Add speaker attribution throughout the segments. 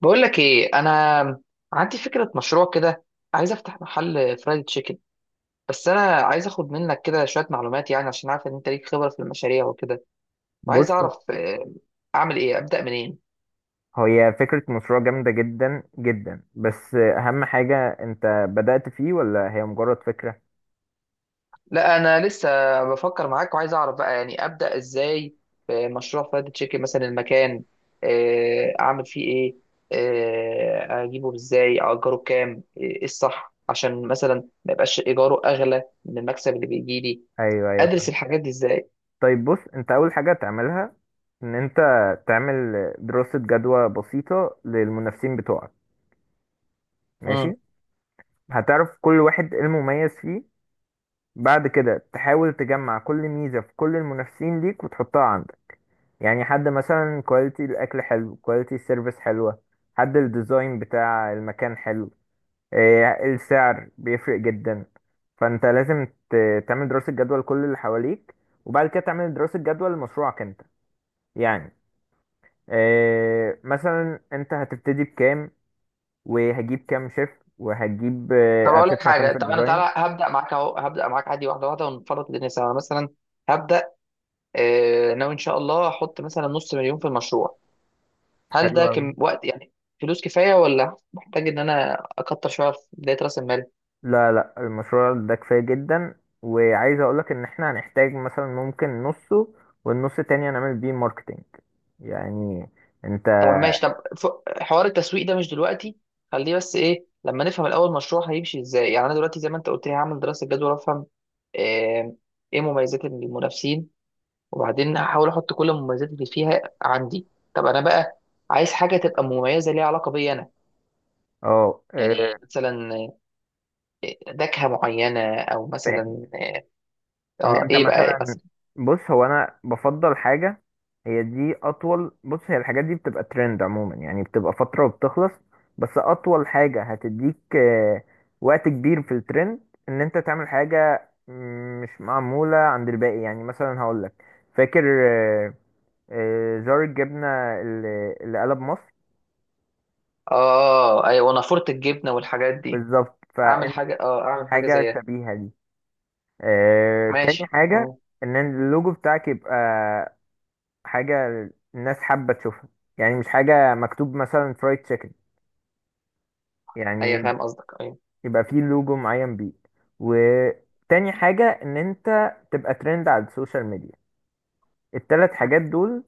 Speaker 1: بقول لك ايه، انا عندي فكره مشروع كده. عايز افتح محل فرايد تشيكن. بس انا عايز اخد منك كده شويه معلومات، يعني عشان عارف ان انت ليك خبره في المشاريع وكده.
Speaker 2: بص،
Speaker 1: وعايز اعرف اعمل ايه، ابدا منين.
Speaker 2: هي فكرة مشروع جامدة جدا جدا، بس أهم حاجة أنت بدأت فيه ولا هي مجرد فكرة؟
Speaker 1: لا انا لسه بفكر معاك، وعايز اعرف بقى يعني ابدا ازاي في مشروع فرايد تشيكن. مثلا المكان، اعمل فيه ايه، اجيبه ازاي، اجره بكام، ايه الصح، عشان مثلا ما يبقاش ايجاره اغلى من المكسب اللي بيجي لي.
Speaker 2: أيوه أيوه،
Speaker 1: ادرس
Speaker 2: فاهم.
Speaker 1: الحاجات دي ازاي؟
Speaker 2: طيب بص، أنت أول حاجة تعملها إن أنت تعمل دراسة جدوى بسيطة للمنافسين بتوعك. ماشي؟ هتعرف كل واحد إيه المميز فيه. بعد كده تحاول تجمع كل ميزة في كل المنافسين ليك وتحطها عندك. يعني حد مثلا كواليتي الاكل حلو، كواليتي السيرفيس حلوه، حد الديزاين بتاع المكان حلو، السعر بيفرق جدا. فانت لازم تعمل دراسة جدوى لكل اللي حواليك، وبعد كده تعمل دراسة جدوى لمشروعك انت. يعني مثلا انت هتبتدي بكام، وهجيب كام شيف، وهجيب
Speaker 1: طب اقول لك
Speaker 2: هتدفع كام
Speaker 1: حاجه،
Speaker 2: في
Speaker 1: طب انا
Speaker 2: الديزاين.
Speaker 1: تعالى هبدا معاك اهو، هبدا معاك عادي واحده واحده ونفرط الدنيا سوا. أنا مثلا هبدا، ناوي ان شاء الله احط مثلا نص مليون في المشروع. هل
Speaker 2: حلو
Speaker 1: ده
Speaker 2: أوي.
Speaker 1: كم وقت يعني؟ فلوس كفايه، ولا محتاج ان انا اكتر شويه في بدايه راس المال؟
Speaker 2: لا لا، المشروع ده كفاية جدا، وعايز اقولك ان احنا هنحتاج مثلا ممكن نصه، والنص التاني هنعمل بيه ماركتينج. يعني انت
Speaker 1: طب ماشي، طب حوار التسويق ده مش دلوقتي. خليه، بس ايه، لما نفهم الاول المشروع هيمشي ازاي. يعني انا دلوقتي زي ما انت قلت لي هعمل دراسه جدوى، وافهم آه، ايه مميزات المنافسين، وبعدين هحاول احط كل المميزات اللي فيها عندي. طب انا بقى عايز حاجه تبقى مميزه، ليها علاقه بيا انا.
Speaker 2: اه
Speaker 1: يعني
Speaker 2: إيه،
Speaker 1: مثلا نكهه معينه، او مثلا
Speaker 2: ان
Speaker 1: اه،
Speaker 2: انت
Speaker 1: ايه بقى، إيه
Speaker 2: مثلا.
Speaker 1: مثلا.
Speaker 2: بص، هو انا بفضل حاجه. هي دي اطول. بص، هي الحاجات دي بتبقى ترند عموما، يعني بتبقى فتره وبتخلص، بس اطول حاجه هتديك وقت كبير في الترند ان انت تعمل حاجه مش معموله عند الباقي. يعني مثلا هقول لك، فاكر آه، زار الجبنه اللي قلب مصر؟
Speaker 1: اه ايوه، نافوره الجبنه والحاجات دي.
Speaker 2: بالظبط،
Speaker 1: اعمل
Speaker 2: فانت
Speaker 1: حاجه، اه اعمل حاجه
Speaker 2: حاجه
Speaker 1: زيها.
Speaker 2: شبيهه دي.
Speaker 1: ماشي،
Speaker 2: تاني حاجه
Speaker 1: اه.
Speaker 2: ان اللوجو بتاعك يبقى حاجة الناس حابة تشوفها، يعني مش حاجة مكتوب مثلا فرايد تشيكن،
Speaker 1: ايوه
Speaker 2: يعني
Speaker 1: فاهم قصدك، ايوه.
Speaker 2: يبقى فيه لوجو معين بيه. وتاني حاجة ان انت تبقى ترند على السوشيال ميديا. التلات حاجات دول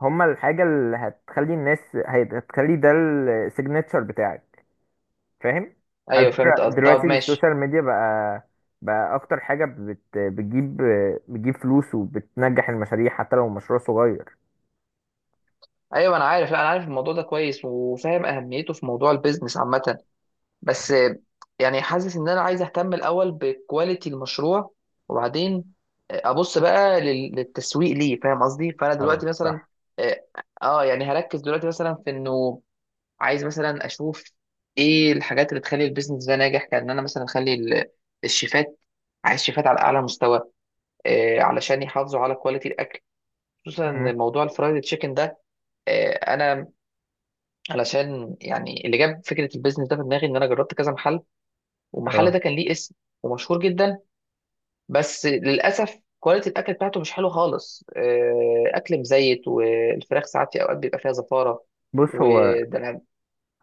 Speaker 2: هما الحاجة اللي هتخلي الناس، هتخلي ده السيجنتشر بتاعك. فاهم؟ على
Speaker 1: ايوه
Speaker 2: فكرة
Speaker 1: فهمت قصدك،
Speaker 2: دلوقتي
Speaker 1: طب ماشي.
Speaker 2: السوشيال ميديا بقى أكتر حاجة بتجيب بتجيب فلوس وبتنجح المشاريع حتى لو مشروع صغير.
Speaker 1: ايوه انا عارف، لا انا عارف الموضوع ده كويس، وفاهم اهميته في موضوع البيزنس عامه. بس يعني حاسس ان انا عايز اهتم الاول بكواليتي المشروع، وبعدين ابص بقى للتسويق. ليه؟ فاهم قصدي. فانا
Speaker 2: خلاص
Speaker 1: دلوقتي مثلا،
Speaker 2: صح.
Speaker 1: اه، يعني هركز دلوقتي مثلا في انه عايز مثلا اشوف ايه الحاجات اللي تخلي البيزنس ده ناجح. كان انا مثلا اخلي الشيفات، عايز شيفات على اعلى مستوى علشان يحافظوا على كواليتي الاكل، خصوصا
Speaker 2: مهم.
Speaker 1: موضوع الفرايد تشيكن ده. انا، علشان يعني اللي جاب فكره البيزنس ده في دماغي ان انا جربت كذا محل، والمحل
Speaker 2: اه
Speaker 1: ده كان ليه اسم، ومشهور جدا. بس للاسف كواليتي الاكل بتاعته مش حلو خالص، اكل مزيت، والفراخ ساعات في اوقات بيبقى فيها زفاره.
Speaker 2: بص، هو
Speaker 1: وده انا،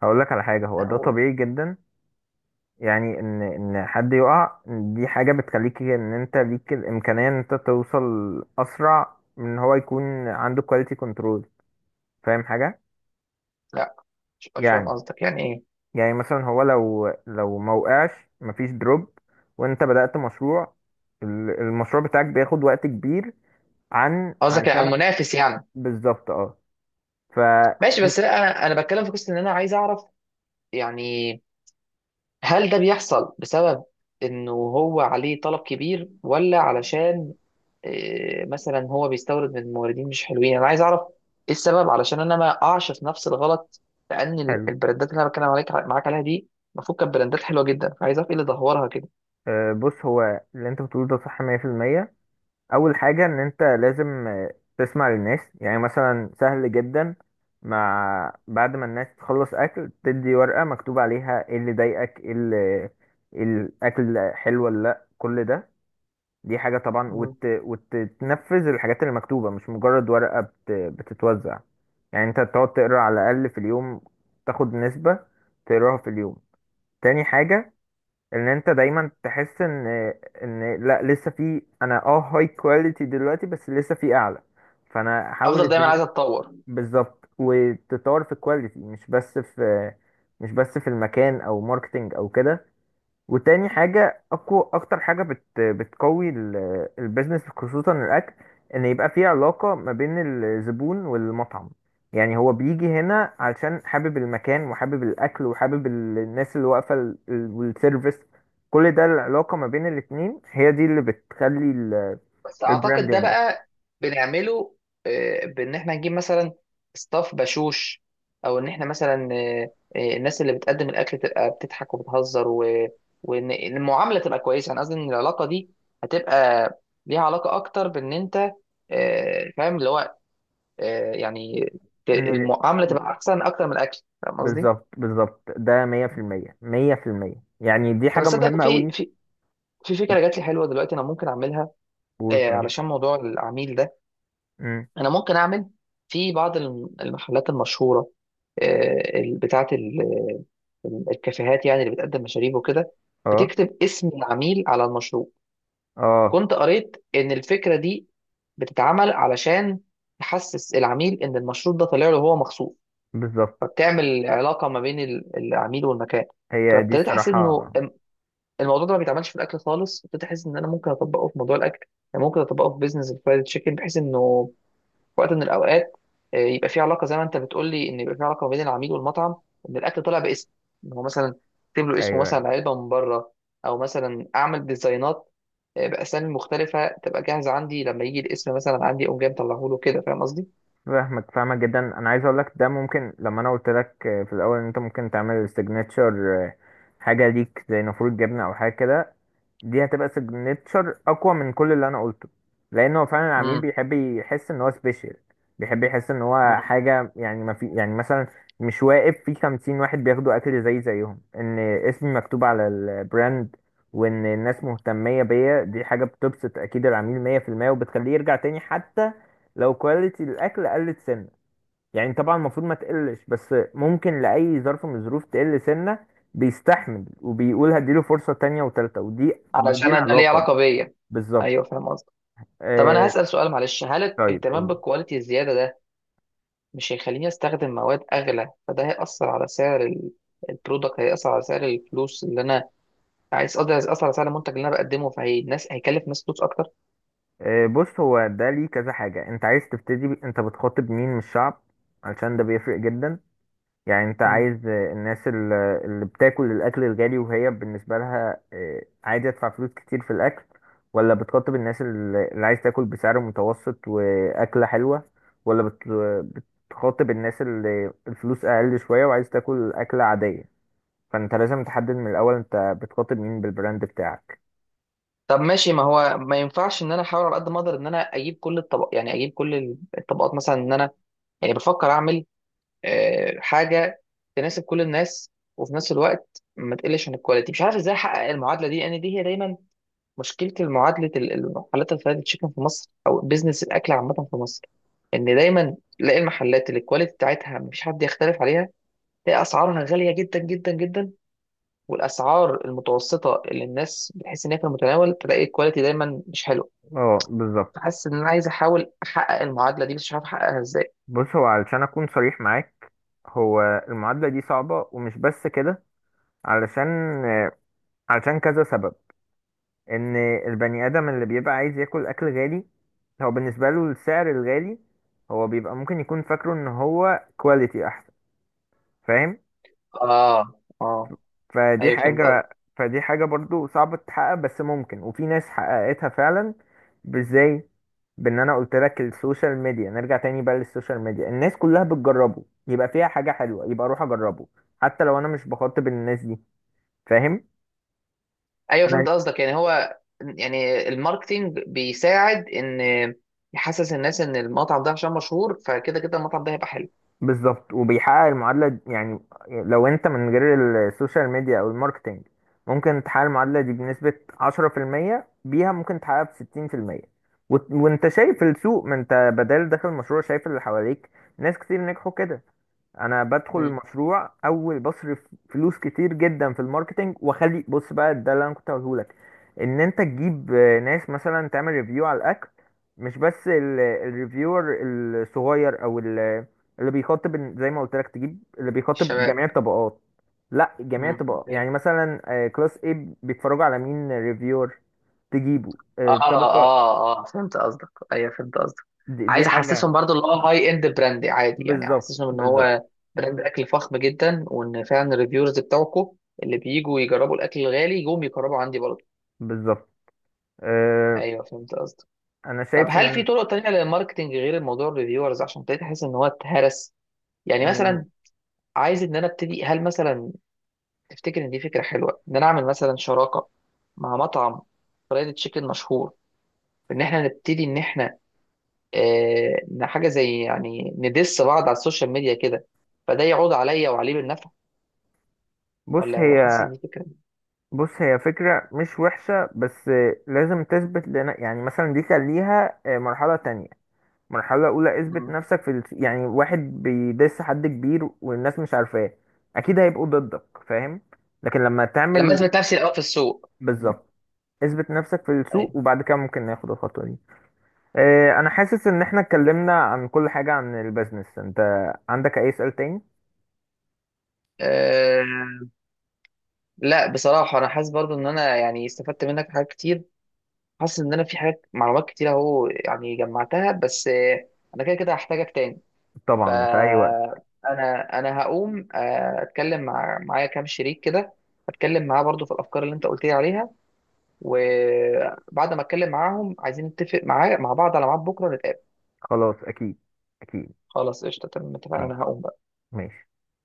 Speaker 2: هقول لك على حاجة. هو
Speaker 1: أنا
Speaker 2: ده
Speaker 1: اقول.
Speaker 2: طبيعي جدا، يعني ان حد يقع. دي حاجة بتخليك ان انت ليك الامكانية ان انت توصل اسرع من ان هو يكون عنده كواليتي كنترول. فاهم حاجة؟
Speaker 1: لا مش فاهم
Speaker 2: يعني
Speaker 1: قصدك يعني ايه.
Speaker 2: يعني مثلا هو لو ما وقعش مفيش دروب، وانت بدأت مشروع، المشروع بتاعك بياخد وقت كبير
Speaker 1: قصدك على
Speaker 2: علشان.
Speaker 1: المنافس يعني؟
Speaker 2: بالظبط. اه. ف
Speaker 1: ماشي، بس لا انا بتكلم في قصه، ان انا عايز اعرف، يعني هل ده بيحصل بسبب انه هو عليه طلب كبير، ولا علشان مثلا هو بيستورد من موردين مش حلوين. انا عايز اعرف ايه السبب، علشان انا ما اقعش في نفس الغلط، لان
Speaker 2: حلو.
Speaker 1: البراندات اللي انا بتكلم عليك معاك عليها دي المفروض كانت براندات حلوه جدا. عايز اعرف ايه اللي دهورها كده.
Speaker 2: بص، هو اللي انت بتقوله ده صح 100%. اول حاجه ان انت لازم تسمع للناس. يعني مثلا سهل جدا، مع بعد ما الناس تخلص اكل تدي ورقه مكتوب عليها ايه اللي ضايقك، ايه اللي، إيه الاكل حلو ولا لا، كل ده. دي حاجه طبعا،
Speaker 1: مم.
Speaker 2: وتنفذ الحاجات اللي مكتوبه، مش مجرد ورقه بتتوزع. يعني انت تقعد تقرا على الاقل في اليوم، تاخد نسبه تقراها في اليوم. تاني حاجه ان انت دايما تحس ان لا لسه في. انا اه هاي كواليتي دلوقتي بس لسه في اعلى، فانا احاول
Speaker 1: افضل دايما،
Speaker 2: ازاي.
Speaker 1: عايز اتطور.
Speaker 2: بالظبط، وتطور في الكواليتي مش بس في، المكان او ماركتنج او كده. وتاني حاجة أقوى. أكتر حاجة بتقوي البيزنس خصوصا الأكل، إن يبقى في علاقة ما بين الزبون والمطعم. يعني هو بيجي هنا علشان حابب المكان، وحابب الأكل، وحابب الناس اللي واقفة والسيرفيس. كل ده العلاقة ما بين الاتنين هي دي اللي بتخلي
Speaker 1: بس
Speaker 2: البراند
Speaker 1: اعتقد ده
Speaker 2: ينجح.
Speaker 1: بقى بنعمله، بان احنا نجيب مثلا ستاف بشوش، او ان احنا مثلا الناس اللي بتقدم الاكل تبقى بتضحك وبتهزر وان المعامله تبقى كويسه. انا قصدي ان العلاقه دي هتبقى ليها علاقه اكتر بان انت فاهم، اللي هو يعني
Speaker 2: إن
Speaker 1: المعامله تبقى احسن اكتر من الاكل. فاهم قصدي؟
Speaker 2: بالظبط بالظبط، ده مية في المية، مية في المية. يعني دي
Speaker 1: طب
Speaker 2: حاجة
Speaker 1: تصدق إن
Speaker 2: مهمة
Speaker 1: في
Speaker 2: أوي.
Speaker 1: في في فكره جات لي حلوه دلوقتي، انا ممكن اعملها
Speaker 2: قول طيب.
Speaker 1: علشان موضوع العميل ده.
Speaker 2: مم.
Speaker 1: انا ممكن اعمل في بعض المحلات المشهوره، بتاعه الكافيهات يعني، اللي بتقدم مشاريب وكده،
Speaker 2: اه
Speaker 1: بتكتب اسم العميل على المشروب.
Speaker 2: اه،
Speaker 1: كنت قريت ان الفكره دي بتتعمل علشان تحسس العميل ان المشروب ده طالع له هو مخصوص،
Speaker 2: بالظبط.
Speaker 1: فبتعمل علاقه ما بين العميل والمكان.
Speaker 2: هي دي
Speaker 1: فابتديت احس انه
Speaker 2: الصراحة.
Speaker 1: الموضوع ده ما بيتعملش في الاكل خالص، ابتديت احس ان انا ممكن اطبقه في موضوع الاكل. يعني ممكن اطبقه في بيزنس الفرايد تشيكن، بحيث انه وقت من الاوقات يبقى في علاقه زي ما انت بتقول لي، ان يبقى في علاقه ما بين العميل والمطعم. ان الاكل طلع باسم، ان هو مثلا اكتب له اسمه
Speaker 2: أيوه أيوه،
Speaker 1: مثلا علبه من بره، او مثلا اعمل ديزاينات باسامي مختلفه تبقى جاهزه عندي، لما يجي الاسم مثلا عندي اقوم جاي مطلعه له كده. فاهم قصدي؟
Speaker 2: فاهمك فاهمك جدا. أنا عايز أقولك ده ممكن. لما أنا قلت لك في الأول إن أنت ممكن تعمل سيجنتشر، حاجة ليك زي نافورة جبنة أو حاجة كده، دي هتبقى سيجنتشر اقوى من كل اللي انا قلته، لان هو فعلا العميل
Speaker 1: امم.
Speaker 2: بيحب يحس ان هو سبيشال. بيحب يحس ان هو حاجه، يعني ما في، يعني مثلا مش واقف في 50 واحد بياخدوا اكل زي زيهم. ان اسمي مكتوب على البراند وان الناس مهتميه بيا، دي حاجه بتبسط اكيد العميل 100%، وبتخليه يرجع تاني، حتى لو كواليتي الاكل قلت سنه. يعني طبعا المفروض ما تقلش، بس ممكن لأي ظرف من الظروف تقل سنة، بيستحمل وبيقول هديله فرصة تانية وتالتة، ودي
Speaker 1: علشان أنا ده ليه
Speaker 2: العلاقة.
Speaker 1: علاقه بيا.
Speaker 2: بالظبط.
Speaker 1: ايوه فاهم قصدك. طب انا
Speaker 2: آه.
Speaker 1: هسأل سؤال، معلش، هل
Speaker 2: طيب
Speaker 1: الاهتمام
Speaker 2: قول.
Speaker 1: بالكواليتي الزياده ده مش هيخليني استخدم مواد اغلى، فده هيأثر على سعر البرودكت، هيأثر على سعر الفلوس اللي انا عايز اقدر اثر على سعر المنتج اللي انا بقدمه، فهي الناس هيكلف ناس فلوس اكتر.
Speaker 2: آه، بص، هو ده ليه كذا حاجة. انت عايز تبتدي انت بتخاطب مين من الشعب؟ علشان ده بيفرق جدا. يعني انت
Speaker 1: مم.
Speaker 2: عايز الناس اللي بتاكل الاكل الغالي وهي بالنسبه لها عادي تدفع فلوس كتير في الاكل، ولا بتخاطب الناس اللي عايز تاكل بسعر متوسط واكله حلوه، ولا بتخاطب الناس اللي الفلوس اقل شويه وعايز تاكل اكله عاديه؟ فانت لازم تحدد من الاول انت بتخاطب مين بالبراند بتاعك.
Speaker 1: طب ماشي، ما هو ما ينفعش ان انا احاول على قد ما اقدر ان انا اجيب كل الطبق، يعني اجيب كل الطبقات؟ مثلا ان انا، يعني بفكر اعمل حاجه تناسب كل الناس، وفي نفس الوقت ما تقلش عن الكواليتي. مش عارف ازاي احقق المعادله دي، لان دي هي دايما مشكله المعادله، المحلات الفرايد تشيكن في مصر، او بيزنس الاكل عامه في مصر. ان دايما تلاقي المحلات اللي الكواليتي بتاعتها مفيش حد يختلف عليها، تلاقي اسعارها غاليه جدا جدا جدا. والاسعار المتوسطه اللي الناس بتحس ان هي في المتناول، تلاقي الكواليتي دايما مش حلو.
Speaker 2: اه بالظبط.
Speaker 1: فحاسس ان انا عايز احاول احقق المعادله دي، بس مش عارف احققها ازاي.
Speaker 2: بص، هو علشان اكون صريح معاك، هو المعادله دي صعبه، ومش بس كده، علشان آه، كذا سبب. ان البني ادم اللي بيبقى عايز ياكل اكل غالي، هو بالنسبه له السعر الغالي، هو بيبقى ممكن يكون فاكره ان هو كواليتي احسن. فاهم؟
Speaker 1: اه، اه.
Speaker 2: فدي
Speaker 1: ايوه فهمت قصدك،
Speaker 2: حاجه فدي حاجه برضو صعبه تتحقق، بس ممكن، وفي ناس حققتها فعلا. ازاي؟ بان انا قلت لك السوشيال ميديا، نرجع تاني بقى للسوشيال ميديا. الناس كلها بتجربه يبقى فيها حاجه حلوه، يبقى اروح اجربه حتى لو انا مش بخاطب الناس دي. فاهم؟
Speaker 1: ايوه فهمت قصدك. يعني هو، يعني الماركتينج بيساعد ان يحسس الناس ان المطعم ده عشان مشهور، فكده كده المطعم ده هيبقى حلو.
Speaker 2: بالظبط، وبيحقق المعادلة. يعني لو انت من غير السوشيال ميديا او الماركتينج، ممكن تحقق المعادلة دي بنسبة 10%، بيها ممكن تحققها بستين في المية. وانت شايف السوق، ما انت بدل داخل مشروع شايف اللي حواليك، ناس كتير نجحوا كده. انا بدخل
Speaker 1: امم.
Speaker 2: المشروع اول بصرف فلوس كتير جدا في الماركتينج، واخلي. بص بقى، ده اللي انا كنت هقوله لك، ان انت تجيب ناس مثلا تعمل ريفيو على الاكل. مش بس الريفيور الصغير، او اللي بيخاطب زي ما قلت لك، تجيب اللي بيخاطب جميع
Speaker 1: الشباب.
Speaker 2: الطبقات. لا، جميع
Speaker 1: امم.
Speaker 2: الطبقات يعني مثلا كلاس A بيتفرجوا على مين ريفيور، تجيبه.
Speaker 1: اه
Speaker 2: طبقة.
Speaker 1: اه اه فهمت قصدك، ايوه فهمت قصدك.
Speaker 2: دي
Speaker 1: عايز
Speaker 2: حاجة.
Speaker 1: احسسهم برضو، اللي هو هاي اند براند عادي، يعني
Speaker 2: بالظبط
Speaker 1: احسسهم ان
Speaker 2: بالظبط
Speaker 1: هو براند اكل فخم جدا، وان فعلا الريفيورز بتوعكم اللي بيجوا يجربوا الاكل الغالي يجوا يجربوا عندي برضو.
Speaker 2: بالظبط. آه،
Speaker 1: ايوه فهمت قصدك.
Speaker 2: انا
Speaker 1: طب
Speaker 2: شايف
Speaker 1: هل في طرق تانية للماركتنج غير الموضوع الريفيورز؟ عشان ابتديت احس ان هو اتهرس. يعني
Speaker 2: ان،
Speaker 1: مثلا عايز ان انا ابتدي، هل مثلا تفتكر ان دي فكرة حلوة ان انا اعمل مثلا شراكة مع مطعم فرايد تشيكن مشهور، ان احنا نبتدي ان احنا إن حاجة زي يعني ندس بعض على السوشيال ميديا كده، فده يعود عليا وعليه بالنفع؟
Speaker 2: بص
Speaker 1: ولا حاسس
Speaker 2: هي
Speaker 1: إن دي فكرة.
Speaker 2: بص هي فكرة مش وحشة، بس لازم تثبت لنا، يعني مثلا دي خليها مرحلة تانية. مرحلة أولى اثبت
Speaker 1: مم.
Speaker 2: نفسك في يعني واحد بيدس حد كبير والناس مش عارفاه، أكيد هيبقوا ضدك. فاهم؟ لكن لما
Speaker 1: لما
Speaker 2: تعمل.
Speaker 1: أثبت نفسي الأول في السوق. مم.
Speaker 2: بالظبط. اثبت نفسك في السوق،
Speaker 1: أيوة.
Speaker 2: وبعد كده ممكن ناخد الخطوة دي. أنا حاسس إن احنا اتكلمنا عن كل حاجة عن البيزنس. أنت عندك أي سؤال تاني؟
Speaker 1: أه. لا بصراحة أنا حاسس برضو إن أنا يعني استفدت منك حاجات كتير. حاسس إن أنا في حاجات، معلومات كتير أهو يعني جمعتها، بس أنا كده كده هحتاجك تاني.
Speaker 2: طبعا، في أي وقت.
Speaker 1: فأنا أنا انا هقوم أتكلم معايا كام شريك كده، أتكلم معاه برضو في الأفكار اللي أنت قلت لي عليها. وبعد ما اتكلم معاهم عايزين نتفق معاه مع بعض على ميعاد بكره نتقابل.
Speaker 2: خلاص أكيد. أكيد.
Speaker 1: خلاص قشطه، تمام اتفقنا، انا
Speaker 2: ماشي
Speaker 1: هقوم بقى.
Speaker 2: ماشي.